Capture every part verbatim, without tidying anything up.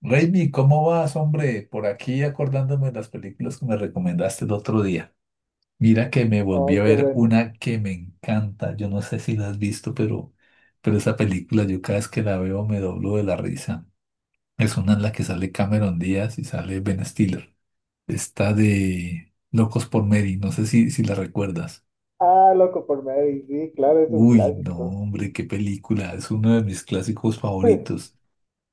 Raimi, ¿cómo vas, hombre? Por aquí acordándome de las películas que me recomendaste el otro día. Mira que me volví Oh, a qué ver bueno. una que me encanta. Yo no sé si la has visto, pero, pero esa película yo cada vez que la veo me doblo de la risa. Es una en la que sale Cameron Díaz y sale Ben Stiller. Está de Locos por Mary, no sé si, si la recuerdas. Ah, loco por Mary, sí, claro, es un Uy, no, clásico. hombre, qué película. Es uno de mis clásicos favoritos.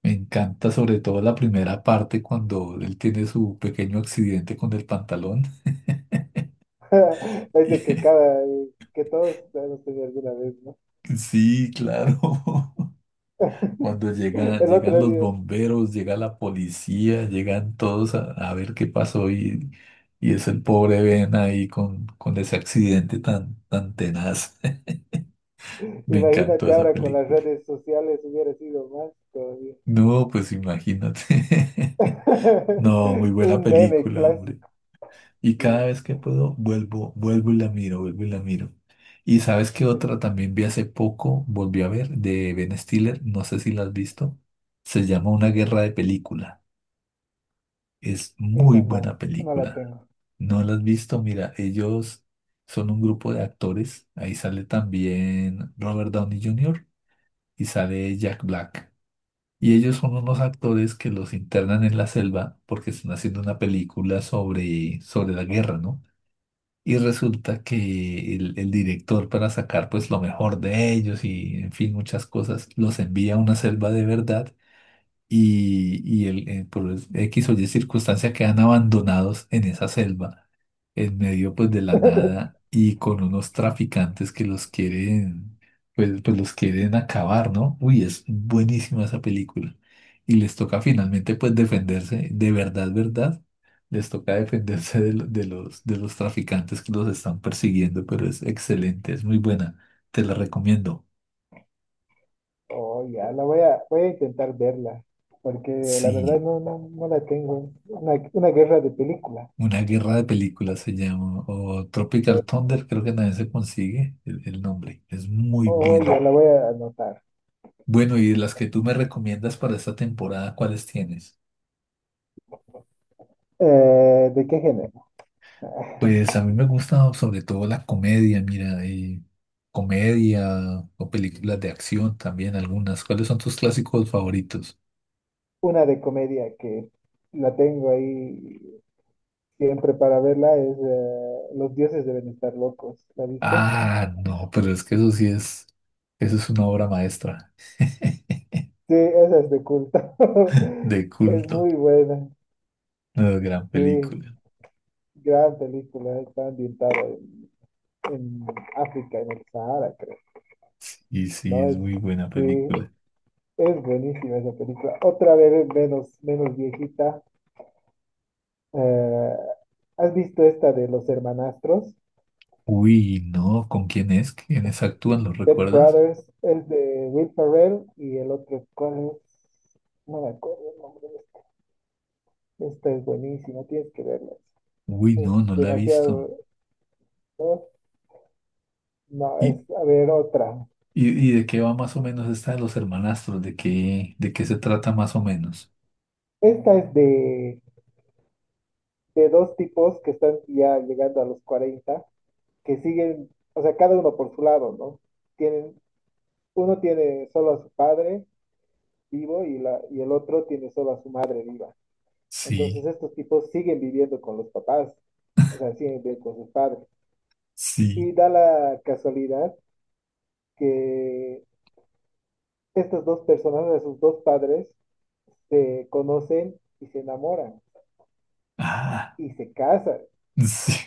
Me encanta sobre todo la primera parte cuando él tiene su pequeño accidente con el pantalón. Es de que cada, que todos hemos tenido alguna vez, ¿no? Sí, claro. Cuando llegan, El llegan otro los día, bomberos, llega la policía, llegan todos a, a ver qué pasó y, y es el pobre Ben ahí con, con ese accidente tan, tan tenaz. Me encantó imagínate esa ahora con las película. redes sociales hubiera sido más todavía. No, pues imagínate. No, muy buena Un meme película, hombre. clásico. Y Sí. cada vez que puedo, vuelvo, vuelvo y la miro, vuelvo y la miro. Y sabes qué Es- otra también vi hace poco, volví a ver, de Ben Stiller, no sé si la has visto. Se llama Una guerra de película. Es esa muy no, buena no la película. tengo. ¿No la has visto? Mira, ellos son un grupo de actores. Ahí sale también Robert Downey junior y sale Jack Black. Y ellos son unos actores que los internan en la selva porque están haciendo una película sobre, sobre la guerra, ¿no? Y resulta que el, el director para sacar pues lo mejor de ellos y en fin muchas cosas los envía a una selva de verdad y, y el, eh, por X o Y circunstancia quedan abandonados en esa selva, en medio pues de la nada y con unos traficantes que los quieren, pues, pues los quieren acabar, ¿no? Uy, es buenísima esa película. Y les toca finalmente pues defenderse, de verdad, verdad, les toca defenderse de, lo- de los, de los traficantes que los están persiguiendo, pero es excelente, es muy buena, te la recomiendo. Oh, ya, la voy a, voy a intentar verla, porque la verdad Sí. no, no, no la tengo. Una, una guerra de película. Una guerra de películas se llama, o Tropical Thunder, creo que nadie se consigue el, el nombre. Es muy Oh, buena. ya la voy a anotar. Bueno, y de las que tú me recomiendas para esta temporada, ¿cuáles tienes? Eh, ¿de qué género? Pues a mí me gusta sobre todo la comedia, mira, y comedia o películas de acción también algunas. ¿Cuáles son tus clásicos favoritos? Una de comedia que la tengo ahí siempre para verla es eh, Los dioses deben estar locos, ¿la viste? Ah, no, pero es que eso sí es, eso es una obra maestra. Sí, esa es de culto. De Es culto, muy buena, una gran sí, película. gran película, está ambientada en, en África, en el Sahara, creo. Y sí, No, es es, muy buena sí, película. es buenísima esa película. Otra vez menos, menos viejita. eh, ¿Has visto esta de los hermanastros? Uy, no, ¿con quién es? ¿Quiénes actúan? ¿Lo Step recuerdas? Brothers es de Will Ferrell y el otro, ¿cuál es? No me acuerdo el nombre de este. Esta es buenísima, tienes que verla. Uy, Es no, no la he visto. demasiado. No, no, ¿Y, es, a ver, otra. y, y de qué va más o menos esta de los hermanastros? ¿De qué, de qué se trata más o menos? Esta es de, de dos tipos que están ya llegando a los cuarenta, que siguen, o sea, cada uno por su lado, ¿no? Tienen, uno tiene solo a su padre vivo y, la, y el otro tiene solo a su madre viva. Entonces Sí, estos tipos siguen viviendo con los papás, o sea, siguen viviendo con sus padres. sí, Y da la casualidad que estas dos personas, de sus dos padres, se conocen y se enamoran ah, y se casan sí,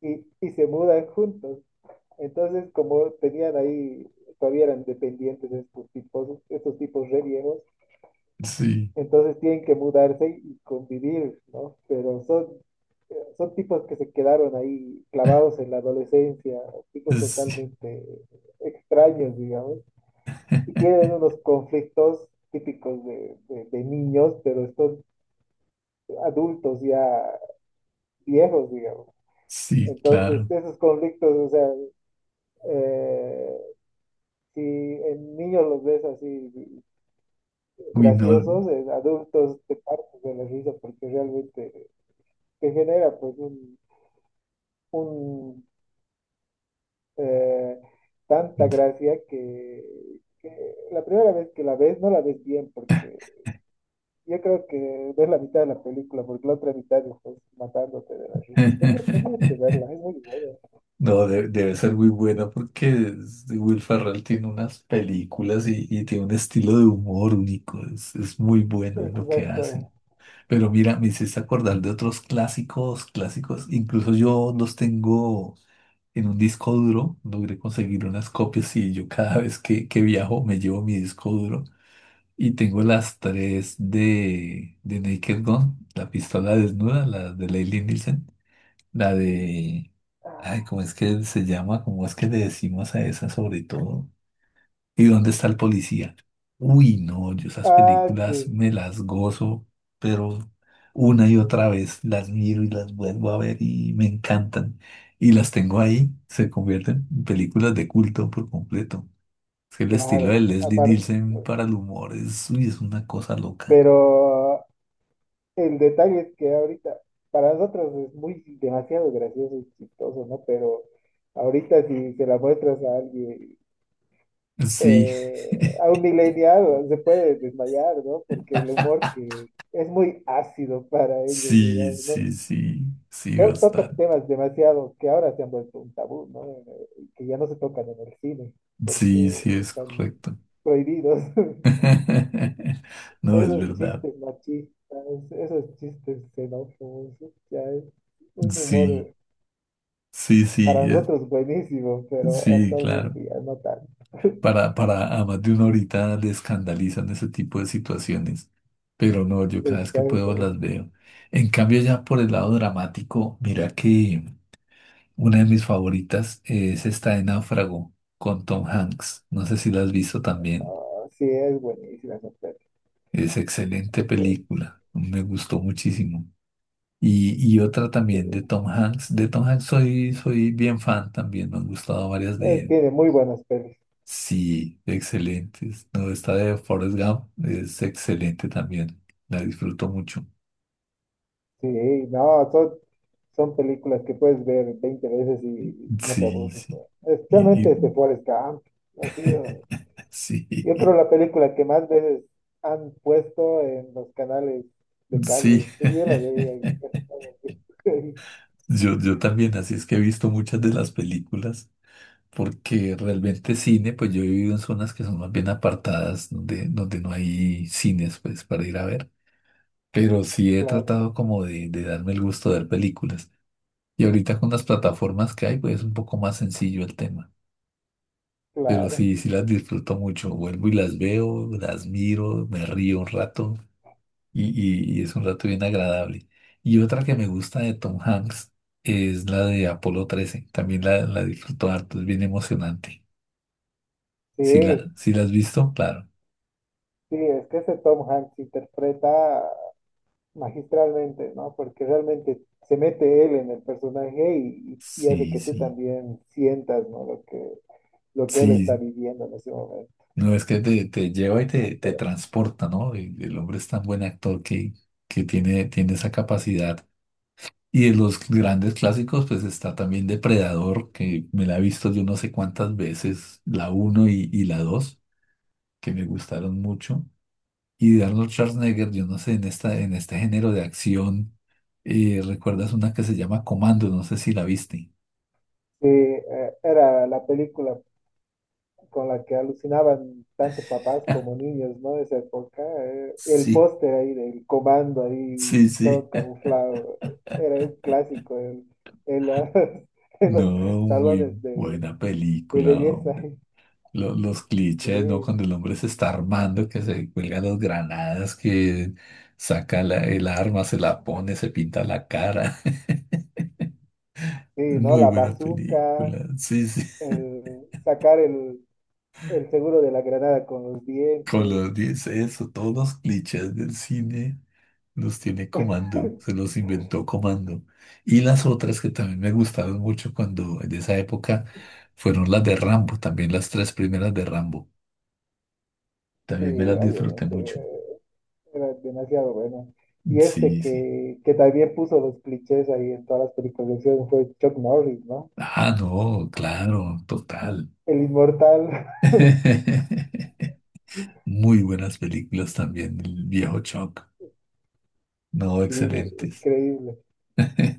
y, y se mudan juntos. Entonces, como tenían ahí, todavía eran dependientes de estos tipos, estos tipos re viejos, sí, entonces tienen que mudarse y convivir, ¿no? Pero son, son tipos que se quedaron ahí clavados en la adolescencia, tipos sí, totalmente extraños, digamos. Y tienen unos conflictos típicos de, de- de niños, pero estos adultos ya viejos, digamos. sí, Entonces, claro. esos conflictos, o sea, eh, si en niños los ves así Uy, no. graciosos, en adultos te partes de la risa porque realmente te genera pues un, un, eh, tanta gracia que, que la primera vez que la ves no la ves bien porque yo creo que ves la mitad de la película, porque la otra mitad estás matándote de la risa. Tenías que verla, es muy buena. No, de- debe ser muy buena porque es- Will Ferrell tiene unas películas y, y tiene un estilo de humor único. Es, es muy bueno en lo que Exacto. hace. Pero mira, me hiciste acordar de otros clásicos, clásicos. Incluso yo los tengo en un disco duro. Logré conseguir unas copias y yo cada vez que, que viajo me llevo mi disco duro. Y tengo las tres de, de Naked Gun, la pistola desnuda, la de Leslie Nielsen, la de... Ay, ¿cómo es que se llama? ¿Cómo es que le decimos a esa sobre todo? ¿Y dónde está el policía? Uy, no, yo esas Ah, películas sí, me las gozo, pero una y otra vez las miro y las vuelvo a ver y me encantan. Y las tengo ahí, se convierten en películas de culto por completo. Es que el estilo de claro. Leslie Aparte, Nielsen para el humor es, uy, es una cosa loca. pero el detalle es que ahorita, para nosotros es muy demasiado gracioso y chistoso, ¿no? Pero ahorita si se la muestras a alguien, Sí, eh, a un millennial, se puede desmayar, ¿no? Porque el humor que es muy ácido para ellos, sí, digamos, ¿no? sí, sí, sí, to- Toca bastante. temas demasiado que ahora se han vuelto un tabú, ¿no? Eh, Que ya no se tocan en el cine Sí, sí, porque es están correcto. prohibidos. No, es Esos verdad. chistes machistas, esos chistes xenófobos, ya es un Sí, humor sí, sí. para nosotros buenísimo, pero Sí, claro. actualmente ya no tanto. Para, para a más de una horita le escandalizan ese tipo de situaciones. Pero no, yo cada vez que puedo Exacto. las Es- veo. En cambio, ya por el lado dramático, mira que una de mis favoritas es esta de Náufrago con Tom Hanks. No sé si la has visto también. ah, sí, es buenísima esa peli, Es excelente es bueno. película. Me gustó muchísimo. Y, y otra Sí, también de Tom Hanks. De Tom Hanks soy, soy bien fan también. Me han gustado varias de eh, él. tiene muy buenas pelis. Sí, excelentes. No, esta de Forrest Gump es excelente también. La disfruto mucho. Sí, no, son, son películas que puedes ver veinte veces y no te Sí, aburres, ¿no? sí. Y, Especialmente y- este Forrest Gump. ¿No? Ha sido, sí, yo creo, la película que más veces han puesto en los canales de sí. cable. Pues yo la veía y casi todo el tiempo. Yo, yo también, así es que he visto muchas de las películas, porque realmente cine, pues yo he vivido en zonas que son más bien apartadas, donde, donde no hay cines, pues, para ir a ver. Pero sí he Claro, tratado como de, de darme el gusto de ver películas. Y ahorita con las plataformas que hay, pues es un poco más sencillo el tema. Pero claro. sí, sí las disfruto mucho. Vuelvo y las veo, las miro, me río un rato y, y- y es un rato bien agradable. Y otra que me gusta de Tom Hanks es la de Apolo trece. También la, la disfruto harto, es bien emocionante. Si la, Sí, si la has visto, claro. sí, es que ese Tom Hanks interpreta magistralmente, ¿no? Porque realmente se mete él en el personaje y, y hace Sí, que tú sí. también sientas, ¿no? Lo que lo que él está Sí, viviendo en ese momento. no es que te, te lleva y ¿No? te, te Por eso. transporta, ¿no? El el hombre es tan buen actor que, que tiene, tiene esa capacidad. Y de los grandes clásicos, pues está también Depredador, que me la he visto yo no sé cuántas veces, la uno y, y la dos que me gustaron mucho. Y de Arnold Schwarzenegger, yo no sé, en esta, en este género de acción, eh, ¿recuerdas una que se llama Comando? No sé si la viste. Sí, eh, era la película con la que alucinaban tanto papás como niños, ¿no? De esa época. Eh, el Sí, póster ahí del comando ahí, sí, sí. todo camuflado, era un clásico en, en la- en los No, muy salones de, buena de película, belleza. hombre. lo- los clichés, ¿no? Sí, Cuando el hombre se está armando, que se cuelga las granadas, que saca la- el arma, se la pone, se pinta la cara. sí, ¿no? Muy La buena bazuca, película, sí, sí. el sacar el, el seguro de la granada con los Con dientes. los diez, eso, todos los clichés del cine los tiene Comando, se los inventó Comando. Y las otras que también me gustaron mucho cuando en esa época fueron las de Rambo, también las tres primeras de Rambo. Sí, También me las disfruté obviamente. mucho. Era demasiado bueno. Y este Sí, sí. que, que también puso los clichés ahí en todas las películas de acción fue Chuck Norris, ¿no? Ah, no, claro, total. El inmortal. Muy buenas películas también, el viejo Chuck. No, Sí, excelentes. increíble,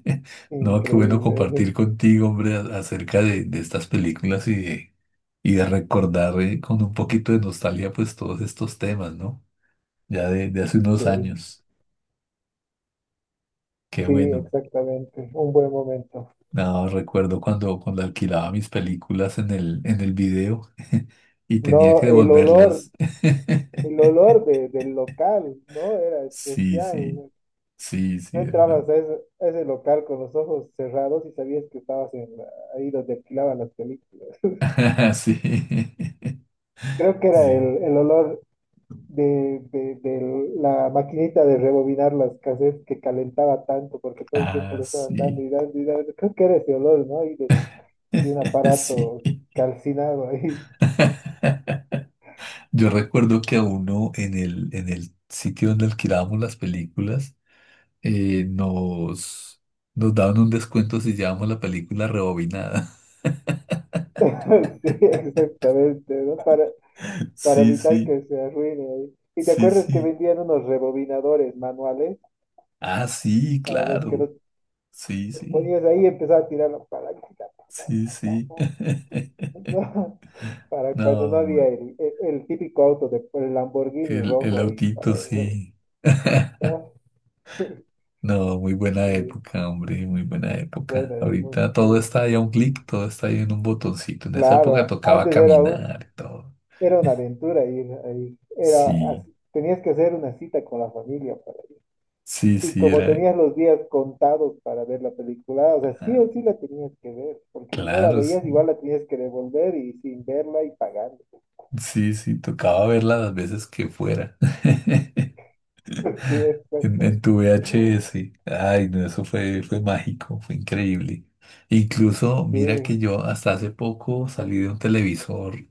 No, qué bueno increíble. compartir contigo, hombre, a- acerca de, de estas películas y de, y de recordar eh, con un poquito de nostalgia, pues todos estos temas, ¿no? Ya de, de hace unos Sí, años. Qué sí, bueno. exactamente. Un buen momento. No, recuerdo cuando, cuando alquilaba mis películas en el, en el video y tenía No, que el olor, devolverlas. el olor de, del local, ¿no? Era Sí, sí, especial. sí, Tú sí, ¿verdad? entrabas a ese, a ese local con los ojos cerrados y sabías que estabas en la- ahí donde alquilaban las películas. Sí. Creo que era Sí. el, el olor de, de, de la maquinita de rebobinar las cassettes que calentaba tanto porque todo el tiempo Ah, le estaban dando sí. y dando y dando. Creo que era ese olor, ¿no? Y de, de un Sí. aparato calcinado ahí. Yo, recuerdo que a uno en el, en el sitio donde alquilábamos las películas, eh, nos, nos daban un descuento si llevábamos la película rebobinada. Sí, exactamente, ¿no? Para, para Sí, evitar sí, que se arruine ahí. Y te sí, acuerdas que sí. vendían unos rebobinadores manuales Ah, sí, para los que claro. los Sí, sí, ponías ahí y empezaba a tirar la palanquita. sí, sí. Para cuando no No, había el, el- el típico auto de el Lamborghini el, el rojo ahí autito, para re- sí. oh, No, muy buena sí, época, hombre, muy buena época. buena Ahorita todo época, está ahí a sí. un clic, todo está ahí en un botoncito. En esa época Claro, tocaba antes era un, caminar y todo. era una aventura ir ahí. Era Sí, así, tenías que hacer una cita con la familia para ir. sí, Y sí, como era. tenías los días contados para ver la película, o sea, sí ah, o sí la tenías que ver, porque si no la Claro, sí, veías, igual la tenías que devolver y sin verla y pagando. sí, sí, tocaba verla las veces que fuera. Sí, En, en tu V H S. Ay, no, eso fue, fue mágico, fue increíble. Incluso, mira sí, que yo hasta hace poco salí de un televisor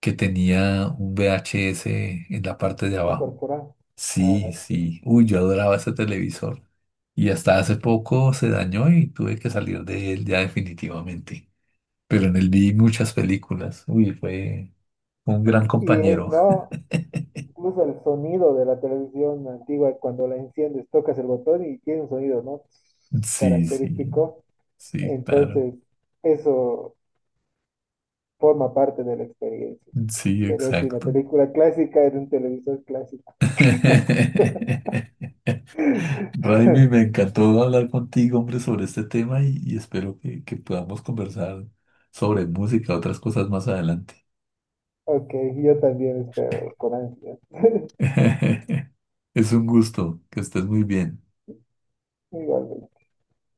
que tenía un V H S en la parte de abajo. incorporar. Ah, Sí, sí. Uy, yo adoraba ese televisor. Y hasta hace poco se dañó y tuve que salir de él ya definitivamente. Pero en él vi muchas películas. Uy, fue un gran y es, compañero. ¿no? Incluso el sonido de la televisión antigua, cuando la enciendes, tocas el botón y tiene un sonido, ¿no? Sí, sí, Característico. sí, claro. Entonces, eso forma parte de la experiencia, Sí, de verte una exacto. película clásica en un televisor clásico. Raimi, me encantó hablar contigo, hombre, sobre este tema y, y espero que, que podamos conversar sobre música, otras cosas más adelante. Ok, yo también espero, con ansias. Es un gusto, que estés muy bien. Igualmente.